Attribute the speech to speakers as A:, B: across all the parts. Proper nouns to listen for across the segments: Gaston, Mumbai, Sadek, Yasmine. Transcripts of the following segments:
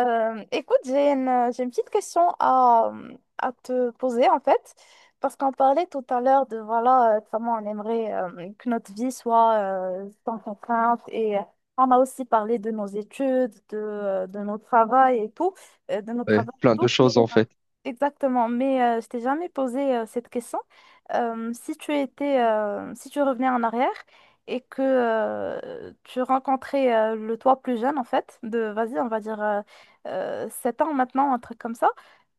A: Écoute, j'ai une petite question à te poser en fait, parce qu'on parlait tout à l'heure de voilà, comment on aimerait, que notre vie soit, sans contrainte et on a aussi parlé de nos études, de notre travail et tout, de notre
B: Ouais,
A: travail et
B: plein de
A: tout.
B: choses en fait.
A: Exactement, mais je t'ai jamais posé, cette question. Si tu revenais en arrière et que tu rencontrais, le toi plus jeune, en fait, de, vas-y, on va dire, 7 ans maintenant, un truc comme ça,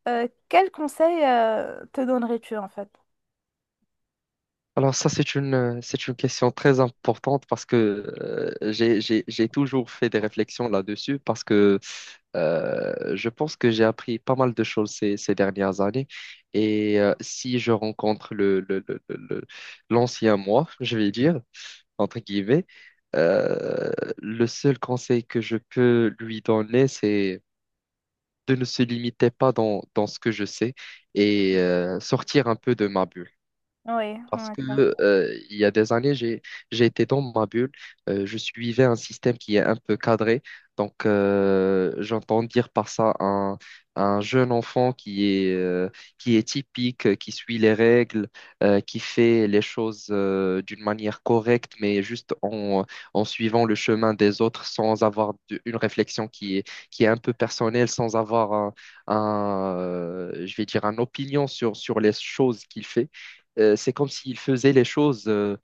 A: quel conseil, te donnerais-tu en fait?
B: Alors ça, c'est une question très importante parce que j'ai toujours fait des
A: Oui,
B: réflexions là-dessus parce que je pense que j'ai appris pas mal de choses ces dernières années. Et si je rencontre l'ancien moi, je vais dire, entre guillemets, euh, le seul conseil que je peux lui donner, c'est de ne se limiter pas dans ce que je sais et sortir un peu de ma bulle.
A: ouais,
B: Parce
A: la
B: que, euh, il y a des années, j'ai été dans ma bulle. Je suivais un système qui est un peu cadré. Donc, j'entends dire par ça un jeune enfant qui est typique, qui suit les règles, qui fait les choses d'une manière correcte, mais juste en suivant le chemin des autres sans avoir une réflexion qui est un peu personnelle, sans avoir je vais dire, une opinion sur les choses qu'il fait. C'est comme s'il faisait les choses euh,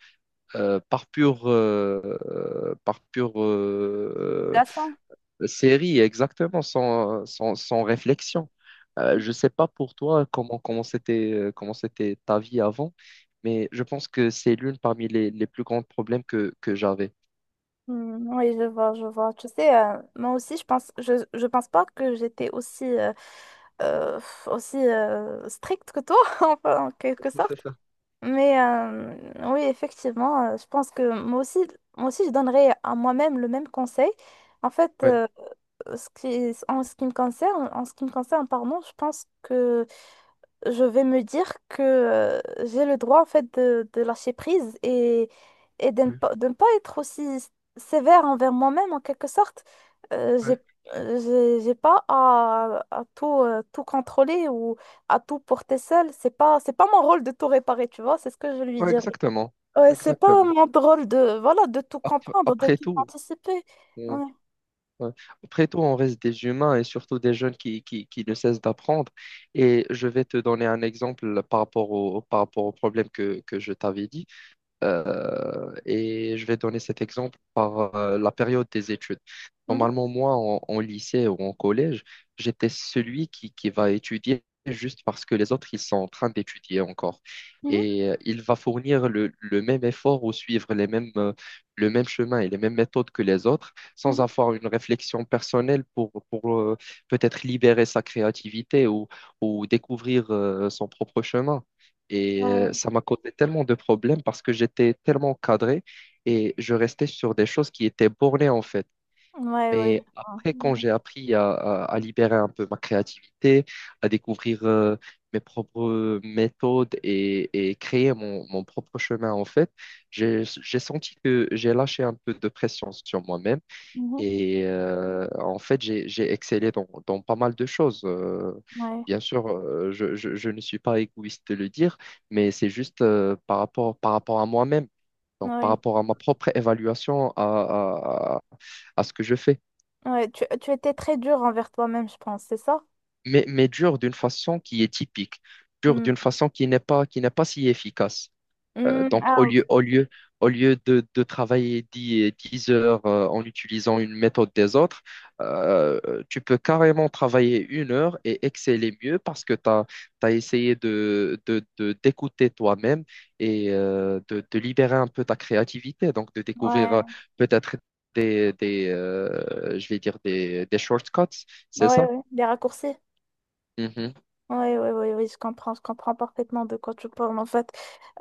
B: euh, par pure
A: relation.
B: série, exactement, sans réflexion. Je ne sais pas pour toi comment c'était ta vie avant, mais je pense que c'est l'une parmi les plus grands problèmes que j'avais.
A: Hmm, oui, je vois, je vois. Tu sais, moi aussi, je pense, je pense pas que j'étais aussi, euh, stricte que toi, enfin, en quelque
B: Oui, c'est
A: sorte.
B: ça.
A: Mais oui, effectivement, je pense que moi aussi, je donnerais à moi-même le même conseil. En fait,
B: Ouais,
A: en ce qui me concerne, en ce qui me concerne, pardon, je pense que je vais me dire que, j'ai le droit en fait de lâcher prise et de ne
B: ouais,
A: pas, de ne pas être aussi sévère envers moi-même en quelque sorte. Euh, j'ai,
B: ouais.
A: euh, j'ai pas à tout, tout contrôler ou à tout porter seul. C'est pas mon rôle de tout réparer, tu vois, c'est ce que je lui
B: Ouais,
A: dirais.
B: exactement,
A: Ouais, c'est pas
B: exactement.
A: mon rôle de, voilà, de tout comprendre, de
B: Après
A: tout
B: tout.
A: anticiper. Ouais.
B: Ouais. Après tout, on reste des humains et surtout des jeunes qui ne cessent d'apprendre. Et je vais te donner un exemple par rapport au problème que je t'avais dit. Et je vais donner cet exemple par la période des études.
A: Mhm,
B: Normalement, moi, en lycée ou en collège, j'étais celui qui va étudier juste parce que les autres, ils sont en train d'étudier encore.
A: mhm,
B: Et il va fournir le même effort ou suivre le même chemin et les mêmes méthodes que les autres sans
A: mhm.
B: avoir une réflexion personnelle pour peut-être libérer sa créativité ou découvrir son propre chemin. Et
A: Ouais,
B: ça m'a causé tellement de problèmes parce que j'étais tellement cadré et je restais sur des choses qui étaient bornées en fait.
A: ouais, ouais, je
B: Mais
A: vois.
B: après, quand
A: Mhm,
B: j'ai appris à libérer un peu ma créativité, à découvrir mes propres méthodes et créer mon propre chemin en fait, j'ai senti que j'ai lâché un peu de pression sur moi-même
A: mhm,
B: et en fait, j'ai excellé dans pas mal de choses. Euh,
A: ouais,
B: bien sûr, je ne suis pas égoïste de le dire, mais c'est juste par rapport à moi-même, donc par
A: ouais.
B: rapport à ma propre évaluation à ce que je fais.
A: Ouais, tu étais très dur envers toi-même, je pense, c'est ça?
B: Mais dur d'une façon qui est typique, dur
A: Hmm.
B: d'une façon qui n'est pas si efficace. Euh,
A: Hmm,
B: donc, au
A: ah,
B: lieu, au
A: ok.
B: lieu, au lieu de travailler dix heures en utilisant une méthode des autres, tu peux carrément travailler 1 heure et exceller mieux parce que tu as essayé d'écouter toi-même et de libérer un peu ta créativité, donc de découvrir
A: Ouais,
B: peut-être des je vais dire des shortcuts, c'est
A: ouais,
B: ça?
A: ouais. Les raccourcis.
B: Mhm.
A: Ouais, ouais, ouais, oui, je comprends parfaitement de quoi tu parles, en fait.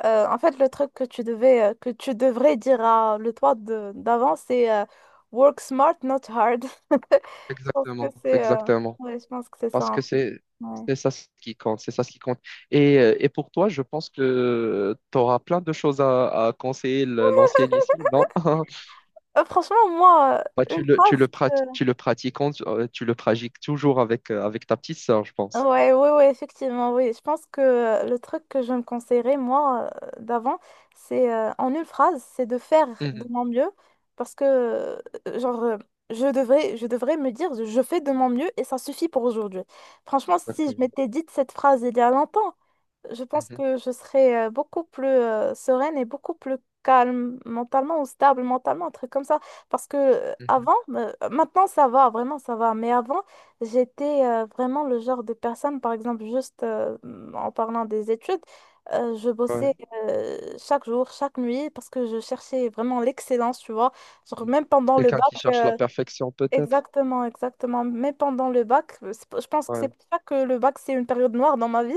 A: En fait, le truc que tu devrais dire à le toi d'avant, c'est work smart, not hard. Je pense que
B: Exactement,
A: c'est,
B: exactement.
A: ouais, je pense que c'est ça,
B: Parce que
A: en fait.
B: c'est
A: Ouais.
B: c'est ça ce qui compte, c'est ça ce qui compte. Et pour toi, je pense que tu auras plein de choses à conseiller l'ancien Yasmine, non?
A: Franchement, moi,
B: Bah,
A: une phrase.
B: tu le pratiques toujours avec ta petite sœur, je pense.
A: Ouais, ouais, ouais, effectivement, oui. Je pense que, le truc que je me conseillerais, moi, d'avant, c'est, en une phrase, c'est de faire de
B: Mhm.
A: mon mieux parce que, genre, je devrais me dire, je fais de mon mieux et ça suffit pour aujourd'hui. Franchement, si je
B: Exactement.
A: m'étais dit cette phrase il y a longtemps, je pense
B: Mhm,
A: que je serais, beaucoup plus, sereine, et beaucoup plus calme mentalement ou stable mentalement, un truc comme ça. Parce que,
B: mhm.
A: avant, maintenant ça va, vraiment ça va, mais avant, j'étais, vraiment le genre de personne, par exemple, juste, en parlant des études, je
B: Ouais.
A: bossais, chaque jour, chaque nuit, parce que je cherchais vraiment l'excellence, tu vois. Genre,
B: Mhm.
A: même pendant le
B: Quelqu'un
A: bac,
B: qui cherche la perfection, peut-être.
A: exactement, exactement, même pendant le bac, je pense que c'est
B: Ouais,
A: pour ça que le bac, c'est une période noire dans ma vie.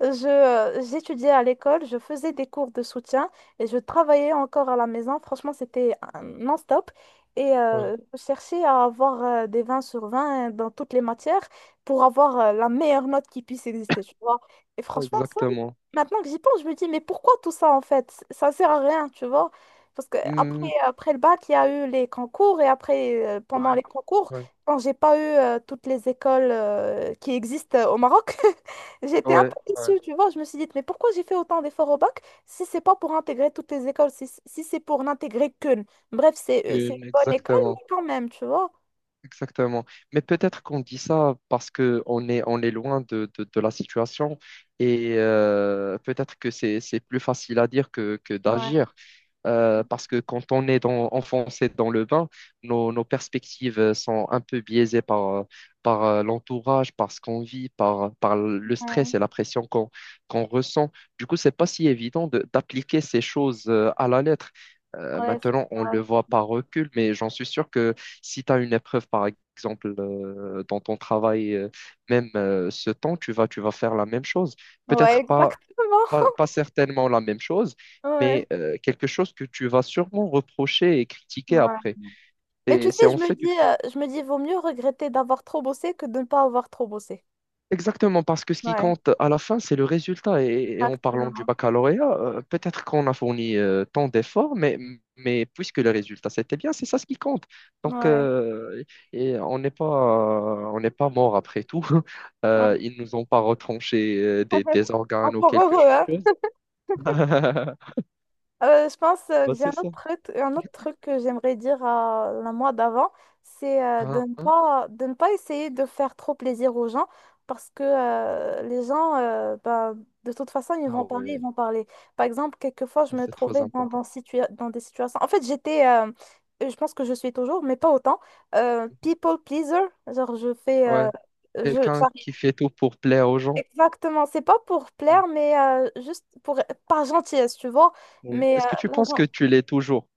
A: J'étudiais à l'école, je faisais des cours de soutien et je travaillais encore à la maison. Franchement, c'était un non-stop. Et
B: ouais,
A: euh, je cherchais à avoir, des 20/20 dans toutes les matières pour avoir, la meilleure note qui puisse exister, tu vois. Et franchement, ça,
B: exactement.
A: maintenant que j'y pense, je me dis, mais pourquoi tout ça en fait? Ça sert à rien, tu vois. Parce que après,
B: Hmm,
A: après le bac, il y a eu les concours et après, pendant
B: ouais,
A: les concours,
B: ouais,
A: quand j'ai pas eu, toutes les écoles, qui existent, au Maroc. J'étais un peu
B: ouais, ouais.
A: déçue, tu vois. Je me suis dit, mais pourquoi j'ai fait autant d'efforts au bac si c'est pas pour intégrer toutes les écoles, si c'est pour n'intégrer qu'une. Bref, c'est
B: Une,
A: une bonne école,
B: exactement.
A: mais quand même, tu vois.
B: Exactement. Mais peut-être qu'on dit ça parce que on est loin de la situation et peut-être que c'est plus facile à dire que d'agir parce que quand on est enfoncé dans le bain, nos perspectives sont un peu biaisées par l'entourage, par ce qu'on vit, par le stress
A: Ouais,
B: et la pression qu'on ressent. Du coup, c'est pas si évident d'appliquer ces choses à la lettre. Euh,
A: ouais, c'est
B: maintenant, on le
A: ça.
B: voit par recul, mais j'en suis sûr que si tu as une épreuve, par exemple, dans ton travail, même, ce temps, tu vas faire la même chose.
A: Ouais,
B: Peut-être pas
A: exactement.
B: pas, pas certainement la même chose,
A: Ouais,
B: mais quelque chose que tu vas sûrement reprocher et critiquer
A: ouais.
B: après.
A: Mais tu
B: Et c'est
A: sais,
B: en fait une...
A: je me dis, vaut mieux regretter d'avoir trop bossé que de ne pas avoir trop bossé.
B: Exactement, parce que ce qui
A: Ouais,
B: compte à la fin, c'est le résultat. Et en parlant du
A: exactement.
B: baccalauréat, peut-être qu'on a fourni tant d'efforts, mais puisque le résultat c'était bien, c'est ça ce qui compte. Donc,
A: Ouais.
B: euh, et on n'est pas mort après tout.
A: Ouais.
B: Ils nous ont pas retranché des, des organes ou
A: Encore
B: quelque
A: heureux, hein?
B: chose.
A: Je pense, que
B: Bah,
A: j'ai
B: c'est ça.
A: un autre truc que j'aimerais dire à la moi d'avant, c'est, de
B: Hein?
A: ne
B: Hein.
A: pas, de ne pas essayer de faire trop plaisir aux gens parce que, les gens, bah, de toute façon, ils
B: Ah
A: vont parler, ils
B: ouais.
A: vont parler. Par exemple, quelquefois, je me
B: C'est trop
A: trouvais
B: important.
A: dans des situations. En fait, j'étais, je pense que je suis toujours, mais pas autant, people pleaser. Genre, je fais.
B: Ouais,
A: Je,
B: quelqu'un
A: j'arrive-
B: qui fait tout pour plaire aux gens.
A: Exactement, c'est pas pour plaire, mais, juste pour, par gentillesse, tu vois.
B: Ouais.
A: Mais
B: Est-ce que tu penses que
A: là,
B: tu l'es toujours?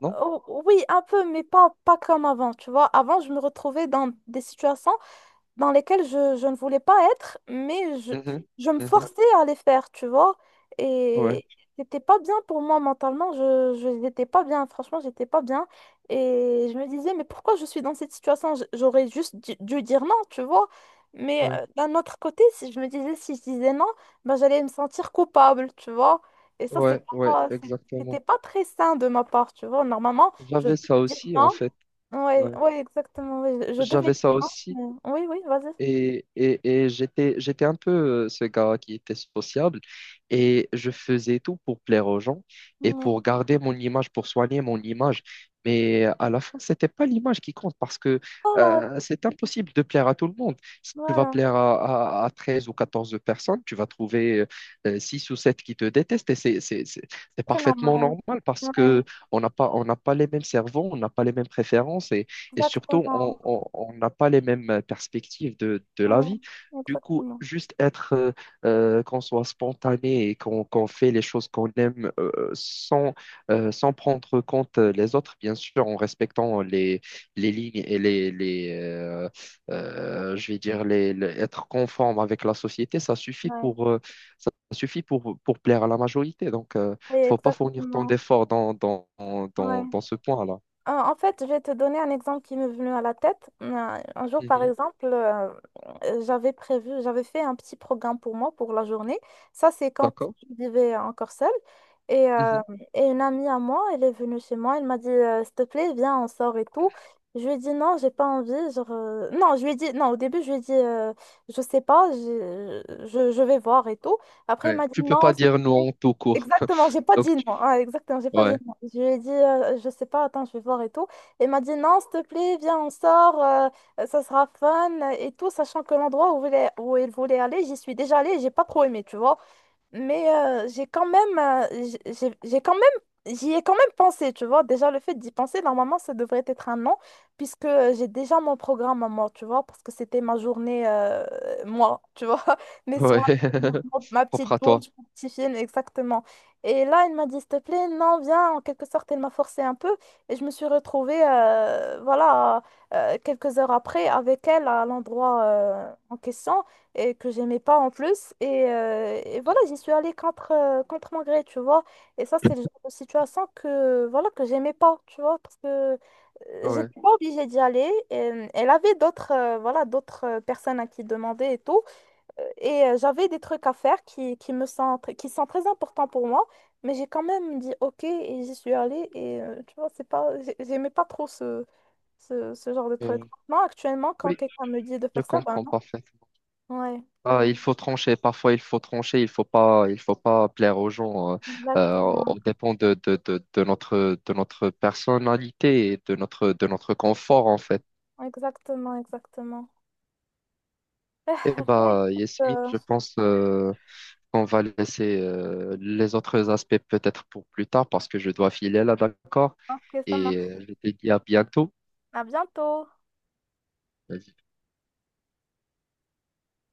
B: Non?
A: oh, oui, un peu, mais pas comme avant, tu vois. Avant, je me retrouvais dans des situations, dans lesquelles je ne voulais pas être, mais je,
B: Mhm,
A: je me
B: mhm.
A: forçais à les faire, tu vois.
B: Ouais,
A: Et c'était pas bien pour moi mentalement, je n'étais pas bien, franchement, j'étais pas bien. Et je me disais, mais pourquoi je suis dans cette situation? J'aurais juste dû dire non, tu vois. Mais
B: ouais,
A: d'un autre côté, si je disais non, ben, j'allais me sentir coupable, tu vois. Et ça,
B: ouais, ouais,
A: pas, c'est- c'était
B: exactement.
A: pas très sain de ma part, tu vois. Normalement, je
B: J'avais
A: dois
B: ça
A: dire
B: aussi, en
A: non.
B: fait.
A: Oui, ouais,
B: Ouais.
A: ouais, exactement. Ouais, je devais
B: J'avais
A: dire
B: ça
A: non.
B: aussi.
A: Oui, oui, vas-y.
B: Et j'étais un peu ce gars qui était sociable et je faisais tout pour plaire aux gens et
A: Ouais.
B: pour garder mon image, pour soigner mon image. Mais à la fin, c'était pas l'image qui compte parce que
A: Oh là,
B: c'est impossible de plaire à tout le monde. Si tu vas
A: voilà,
B: plaire à 13 ou 14 personnes, tu vas trouver 6 ou 7 qui te détestent et c'est
A: très normal.
B: parfaitement normal parce
A: Ouais,
B: que on n'a pas les mêmes cerveaux, on n'a pas les mêmes préférences et surtout, on
A: exactement.
B: on- on n'a pas les mêmes perspectives de la
A: Ouais,
B: vie. Du coup,
A: exactement.
B: juste qu'on soit spontané et qu'on fait les choses qu'on aime sans, sans prendre compte les autres, bien sûr, en respectant les lignes et les, je vais dire, être conforme avec la société, ça suffit
A: Ouais,
B: pour, euh, ça suffit pour plaire à la majorité. Donc,
A: oui,
B: faut pas fournir tant
A: exactement.
B: d'efforts dans, dans, dans,
A: Ouais.
B: dans ce point-là.
A: En fait, je vais te donner un exemple qui m'est venu à la tête. Un jour, par
B: Mhm.
A: exemple, j'avais fait un petit programme pour moi pour la journée. Ça, c'est quand
B: D'accord?
A: je vivais encore seule. Et, euh,
B: Mhm.
A: et une amie à moi, elle est venue chez moi, elle m'a dit, s'il te plaît, viens, on sort et tout. Je lui ai dit non, j'ai pas envie. Non, je lui ai dit non, au début, je lui ai dit, je sais pas, je vais voir et tout. Après, il
B: Ouais.
A: m'a dit
B: Tu peux
A: non.
B: pas
A: S'il te
B: dire non
A: plaît.
B: tout court.
A: Exactement, j'ai pas
B: Donc,
A: dit non. Ah, exactement, j'ai pas dit
B: ouais,
A: je lui ai dit, je sais pas, attends, je vais voir et tout. Elle m'a dit, non, s'il te plaît, viens, on sort, ça sera fun et tout, sachant que l'endroit elle voulait où elle voulait aller, j'y suis déjà allée, et j'ai pas trop aimé, tu vois. Mais j'ai quand même, j'y ai quand même pensé, tu vois. Déjà, le fait d'y penser, normalement, ça devrait être un non, puisque j'ai déjà mon programme à moi, tu vois, parce que c'était ma journée, moi, tu vois, mes soins,
B: ouais.
A: ma
B: Propre
A: petite
B: à toi.
A: douche, mon petit film, exactement. Et là, elle m'a dit, s'il te plaît, non, viens, en quelque sorte, elle m'a forcé un peu, et je me suis retrouvée, voilà, quelques heures après, avec elle à l'endroit, en question et que j'aimais pas en plus. Et voilà, j'y suis allée contre mon gré, tu vois. Et ça, c'est le genre de situation que, voilà, que j'aimais pas, tu vois, parce que,
B: Ouais.
A: j'étais pas obligée d'y aller. Elle avait d'autres, voilà, d'autres, personnes à qui demander et tout. J'avais des trucs à faire qui me sont, qui sont très importants pour moi. Mais j'ai quand même dit OK et j'y suis allée. Et tu vois, c'est pas, j'ai- j'aimais pas trop ce genre de truc.
B: Euh,
A: Non, actuellement, quand
B: oui,
A: quelqu'un me dit de
B: je
A: faire ça, ben
B: comprends
A: non.
B: parfaitement.
A: Ouais.
B: Ah,
A: Mm.
B: il faut trancher, parfois il faut trancher, il faut pas plaire aux gens. On
A: Exactement,
B: dépend de notre personnalité et de notre confort en fait.
A: exactement, exactement.
B: Eh
A: Bon,
B: bah,
A: écoute,
B: Yasmine, je pense qu'on va laisser les autres aspects peut-être pour plus tard parce que je dois filer là, d'accord?
A: ok, ça
B: Et
A: marche.
B: euh, je te dis à bientôt.
A: À bientôt.